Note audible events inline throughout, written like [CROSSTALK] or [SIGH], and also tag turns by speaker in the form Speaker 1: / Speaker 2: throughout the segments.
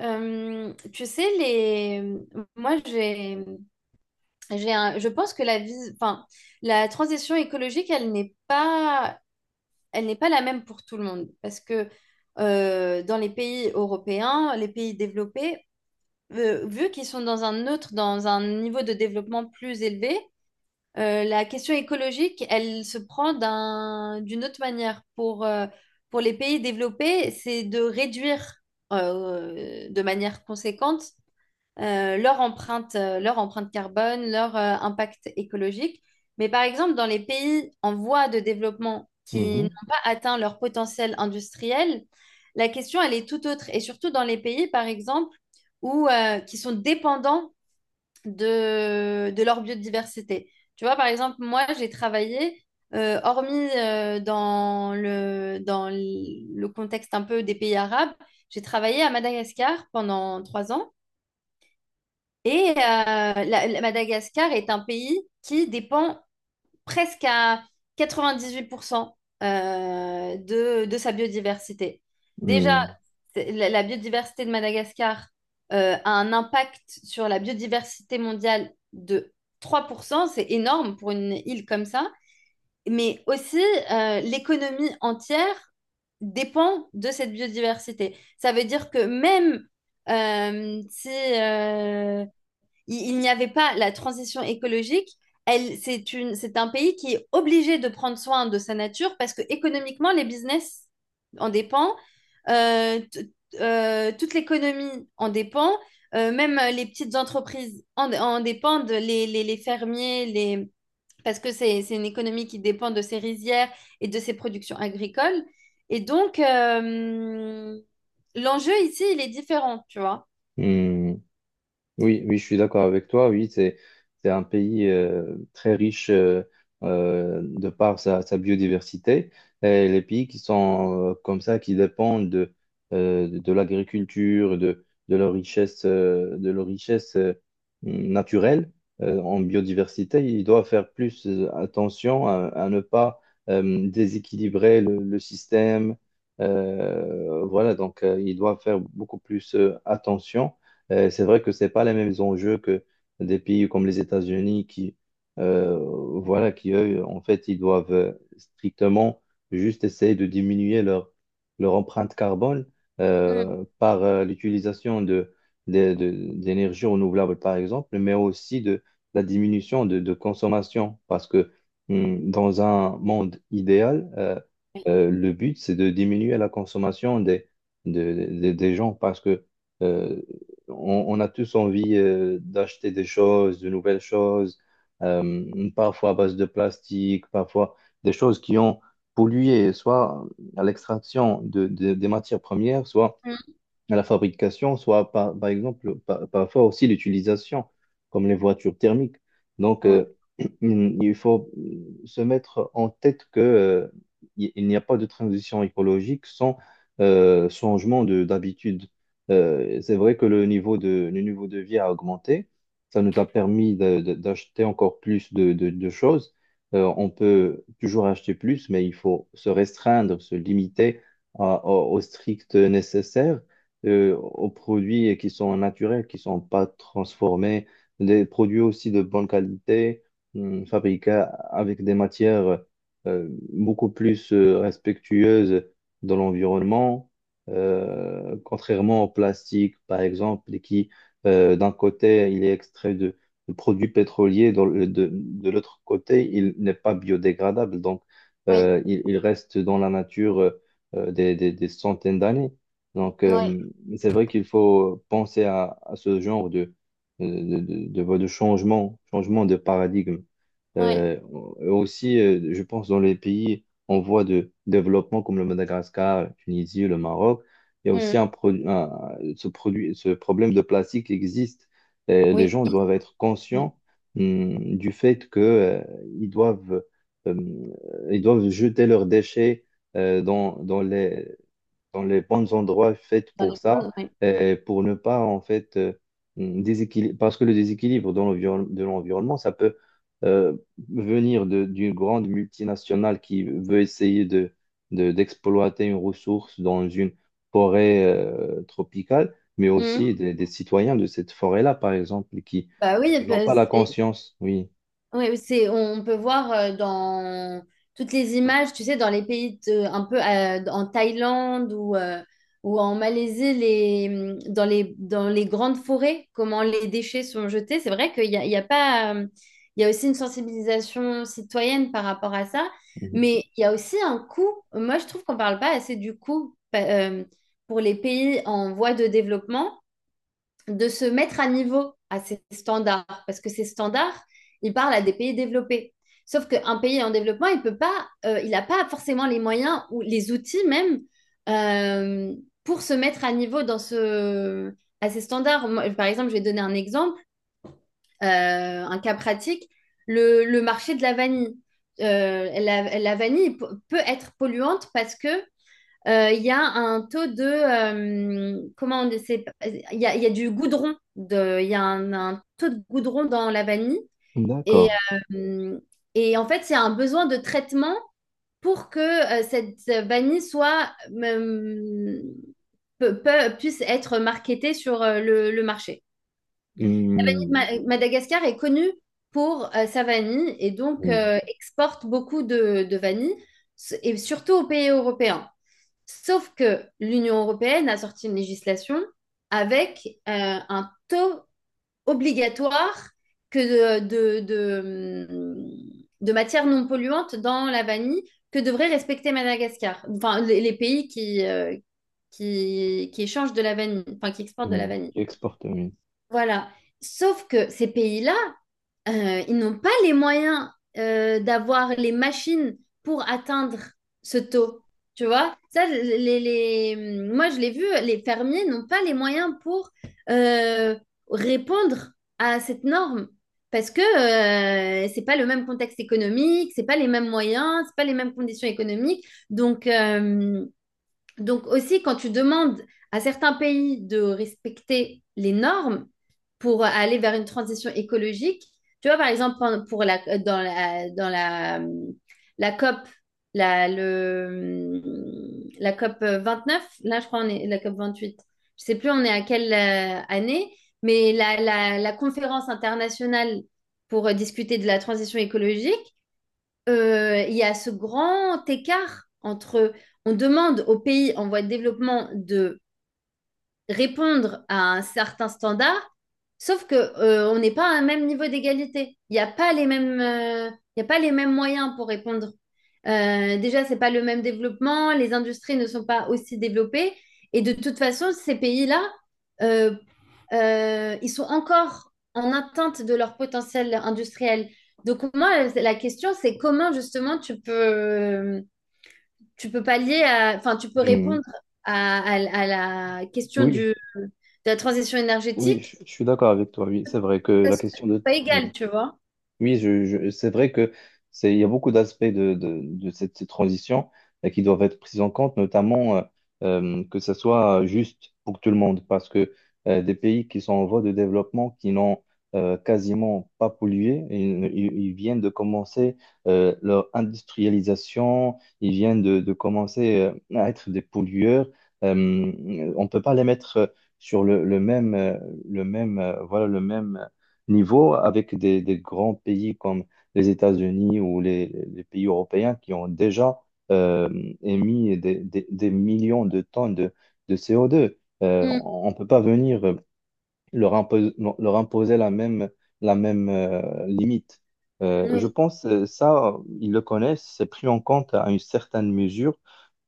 Speaker 1: Tu sais, les... moi, j'ai un... je pense que la vie... enfin, la transition écologique, elle n'est pas la même pour tout le monde. Parce que dans les pays européens, les pays développés, vu qu'ils sont dans un niveau de développement plus élevé, la question écologique, elle se prend d'une autre manière. Pour les pays développés, c'est de réduire de manière conséquente leur empreinte carbone, leur impact écologique. Mais par exemple, dans les pays en voie de développement qui n'ont
Speaker 2: Mhm.
Speaker 1: pas atteint leur potentiel industriel, la question, elle est tout autre. Et surtout dans les pays, par exemple, qui sont dépendants de leur biodiversité. Tu vois, par exemple, moi, j'ai travaillé, hormis dans le contexte un peu des pays arabes, j'ai travaillé à Madagascar pendant 3 ans. Madagascar est un pays qui dépend presque à 98% de sa biodiversité. Déjà,
Speaker 2: Mhm.
Speaker 1: la biodiversité de Madagascar a un impact sur la biodiversité mondiale de 3%, c'est énorme pour une île comme ça, mais aussi l'économie entière dépend de cette biodiversité. Ça veut dire que même si... il n'y avait pas la transition écologique. C'est un pays qui est obligé de prendre soin de sa nature parce que économiquement, les business en dépend, euh, t- toute l'économie en dépend, même les petites entreprises en dépendent, les fermiers, les... parce que c'est une économie qui dépend de ses rizières et de ses productions agricoles. Et donc, l'enjeu ici, il est différent, tu vois.
Speaker 2: Mhm. Oui, oui, je suis d'accord avec toi. Oui, c'est un pays très riche de par sa biodiversité. Et les pays qui sont comme ça, qui dépendent de l'agriculture, de leur richesse, naturelle en biodiversité, ils doivent faire plus attention à ne pas déséquilibrer le système. Voilà, donc ils doivent faire beaucoup plus attention. C'est vrai que c'est pas les mêmes enjeux que des pays comme les États-Unis qui, euh, voilà, qui eux, en fait, ils doivent strictement juste essayer de diminuer leur empreinte carbone
Speaker 1: Mm,
Speaker 2: par l'utilisation d'énergies renouvelables, par exemple, mais aussi de la diminution de consommation. Parce que dans un monde idéal,
Speaker 1: oui.
Speaker 2: le but, c'est de diminuer la consommation des gens parce que euh, on a tous envie d'acheter des choses, de nouvelles choses, parfois à base de plastique, parfois des choses qui ont pollué, soit à l'extraction des matières premières, soit
Speaker 1: Mm.
Speaker 2: à la fabrication, soit par exemple, parfois aussi l'utilisation, comme les voitures thermiques. Donc,
Speaker 1: Oui,
Speaker 2: [CLEARS THROAT] il faut se mettre en tête que, il n'y a pas de transition écologique sans changement de d'habitude. C'est vrai que le niveau de vie a augmenté. Ça nous a permis d'acheter encore plus de choses. On peut toujours acheter plus, mais il faut se restreindre, se limiter au strict nécessaire aux produits qui sont naturels, qui sont pas transformés, des produits aussi de bonne qualité, fabriqués avec des matières beaucoup plus respectueuses de l'environnement, contrairement au plastique, par exemple, qui, d'un côté, il est extrait de produits pétroliers, de l'autre côté, il n'est pas biodégradable, donc
Speaker 1: oui,
Speaker 2: il reste dans la nature des centaines d'années. Donc,
Speaker 1: oui.
Speaker 2: mais c'est vrai qu'il faut penser à ce genre de changement de paradigme.
Speaker 1: Ouais.
Speaker 2: Euh, Aussi, je pense dans les pays en voie de développement comme le Madagascar, la Tunisie, le Maroc, il y a aussi
Speaker 1: Hmm.
Speaker 2: ce problème de plastique qui existe. Et les
Speaker 1: Oui.
Speaker 2: gens doivent être
Speaker 1: Oui.
Speaker 2: conscients, du fait que, ils doivent, euh, ils doivent jeter leurs déchets, euh, dans, dans les, dans les bons endroits faits
Speaker 1: Dans les
Speaker 2: pour ça,
Speaker 1: bonnes, oui.
Speaker 2: pour ne pas en fait parce que le déséquilibre de l'environnement, ça peut euh, venir d'une grande multinationale qui veut essayer d'exploiter une ressource dans une forêt tropicale, mais
Speaker 1: Hmm.
Speaker 2: aussi des citoyens de cette forêt-là, par exemple, qui
Speaker 1: Bah oui,
Speaker 2: qui n'ont
Speaker 1: bah,
Speaker 2: pas la conscience, oui.
Speaker 1: on peut voir dans toutes les images, tu sais, dans les un peu en Thaïlande ou en Malaisie, les, mmh, dans les grandes forêts, comment les déchets sont jetés. C'est vrai qu'il y a pas, il y a aussi une sensibilisation citoyenne par rapport à ça,
Speaker 2: Mhm.
Speaker 1: mais il y a aussi un coût. Moi, je trouve qu'on parle pas assez du coût pour les pays en voie de développement, de se mettre à niveau à ces standards, parce que ces standards, ils parlent à des pays développés. Sauf qu'un pays en développement, il n'a pas forcément les moyens ou les outils même euh, pour se mettre à niveau à ces standards. Moi, par exemple, je vais donner un exemple, un cas pratique, le marché de la vanille. La vanille peut être polluante parce que il y a un taux de comment on dit, il y a du il y a un taux de goudron dans la vanille et
Speaker 2: D'accord.
Speaker 1: euh, et en fait il y a un besoin de traitement pour que cette vanille soit puisse être marketée sur le marché.
Speaker 2: Hmm.
Speaker 1: Madagascar est connue pour sa vanille et donc
Speaker 2: Oui.
Speaker 1: exporte beaucoup de vanille et surtout aux pays européens. Sauf que l'Union européenne a sorti une législation avec un taux obligatoire que de matières non polluantes dans la vanille que devrait respecter Madagascar, enfin les pays qui échangent de la vanille, enfin qui exportent de la
Speaker 2: Hmm.
Speaker 1: vanille.
Speaker 2: Qui exporte, oui.
Speaker 1: Voilà. Sauf que ces pays-là ils n'ont pas les moyens d'avoir les machines pour atteindre ce taux. Tu vois, ça, moi je l'ai vu, les fermiers n'ont pas les moyens pour euh, répondre à cette norme parce que c'est pas le même contexte économique, c'est pas les mêmes moyens, c'est pas les mêmes conditions économiques. Donc, euh, donc aussi, quand tu demandes à certains pays de respecter les normes pour aller vers une transition écologique, tu vois, par exemple, pour la, dans la, dans la, la COP, la, le, la COP 29 là, je crois, on est la COP 28. Je sais plus on est à quelle année, mais la conférence internationale pour discuter de la transition écologique, il y a ce grand écart entre, on demande aux pays en voie de développement de répondre à un certain standard, sauf que on n'est pas à un même niveau d'égalité. Il y a pas les mêmes moyens pour répondre. Déjà, c'est pas le même développement, les industries ne sont pas aussi développées, et de toute façon, ces pays-là, euh, ils sont encore en atteinte de leur potentiel industriel. Donc moi, la question, c'est comment justement tu peux pallier à, enfin, tu peux
Speaker 2: Hmm.
Speaker 1: répondre à la question
Speaker 2: Oui.
Speaker 1: de la transition
Speaker 2: Oui,
Speaker 1: énergétique,
Speaker 2: je suis d'accord avec toi. Oui, c'est vrai que
Speaker 1: ça se- pas
Speaker 2: oui,
Speaker 1: égal, tu vois.
Speaker 2: oui, c'est vrai que il y a beaucoup d'aspects de cette transition qui doivent être pris en compte, notamment que ça soit juste pour tout le monde, parce que des pays qui sont en voie de développement, qui n'ont quasiment pas pollué, ils viennent de commencer leur industrialisation, ils viennent de commencer à être des pollueurs. On ne peut pas les mettre sur voilà, le même niveau avec des grands pays comme les États-Unis ou les pays européens qui ont déjà euh, émis des millions de tonnes de CO2.
Speaker 1: Mm.
Speaker 2: On ne peut pas venir leur imposer la même limite. Je
Speaker 1: Oui.
Speaker 2: pense ça, ils le connaissent, c'est pris en compte à une certaine mesure,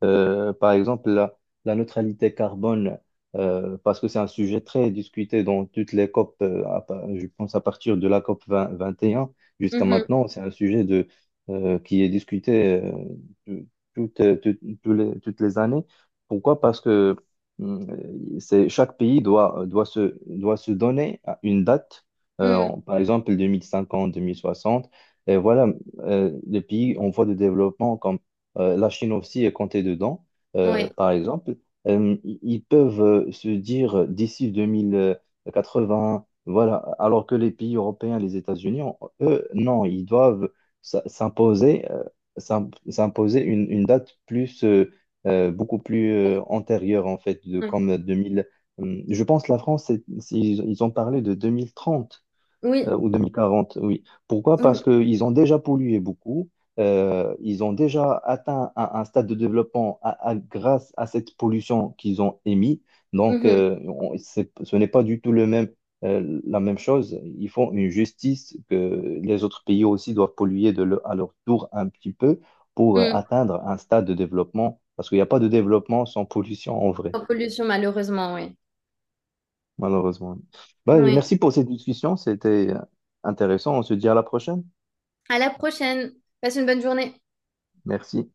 Speaker 2: par exemple, la neutralité carbone, parce que c'est un sujet très discuté dans toutes les COP, je pense à partir de la COP 20 21 jusqu'à
Speaker 1: Mhm.
Speaker 2: maintenant, c'est un sujet qui est discuté tout- toutes, euh, tout- toutes les années. Pourquoi? Parce que hum, chaque pays doit, doit se donner à une date,
Speaker 1: Mm.
Speaker 2: par exemple 2050, 2060. Et voilà, les pays en voie de développement, comme la Chine aussi est comptée dedans,
Speaker 1: Ouais.
Speaker 2: par exemple, ils peuvent se dire d'ici 2080, voilà, alors que les pays européens, les États-Unis, eux, non, ils doivent s- s'imposer euh, s'imposer une date plus, beaucoup plus antérieure, en fait, de,
Speaker 1: Ouais.
Speaker 2: comme 2000. Je pense que la France, ils ont parlé de 2030
Speaker 1: Oui.
Speaker 2: ou 2040, oui. Pourquoi? Parce
Speaker 1: Oui.
Speaker 2: qu'ils ont déjà pollué beaucoup, ils ont déjà atteint un stade de développement grâce à cette pollution qu'ils ont émise. Donc,
Speaker 1: Mhm.
Speaker 2: ce n'est pas du tout le même, la même chose. Ils font une justice que les autres pays aussi doivent polluer à leur tour un petit peu pour
Speaker 1: Mm.
Speaker 2: atteindre un stade de développement, parce qu'il n'y a pas de développement sans pollution en vrai,
Speaker 1: En pollution, malheureusement, oui.
Speaker 2: malheureusement. Bah,
Speaker 1: Oui.
Speaker 2: merci pour cette discussion, c'était intéressant. On se dit à la prochaine.
Speaker 1: À la prochaine. Passe une bonne journée.
Speaker 2: Merci.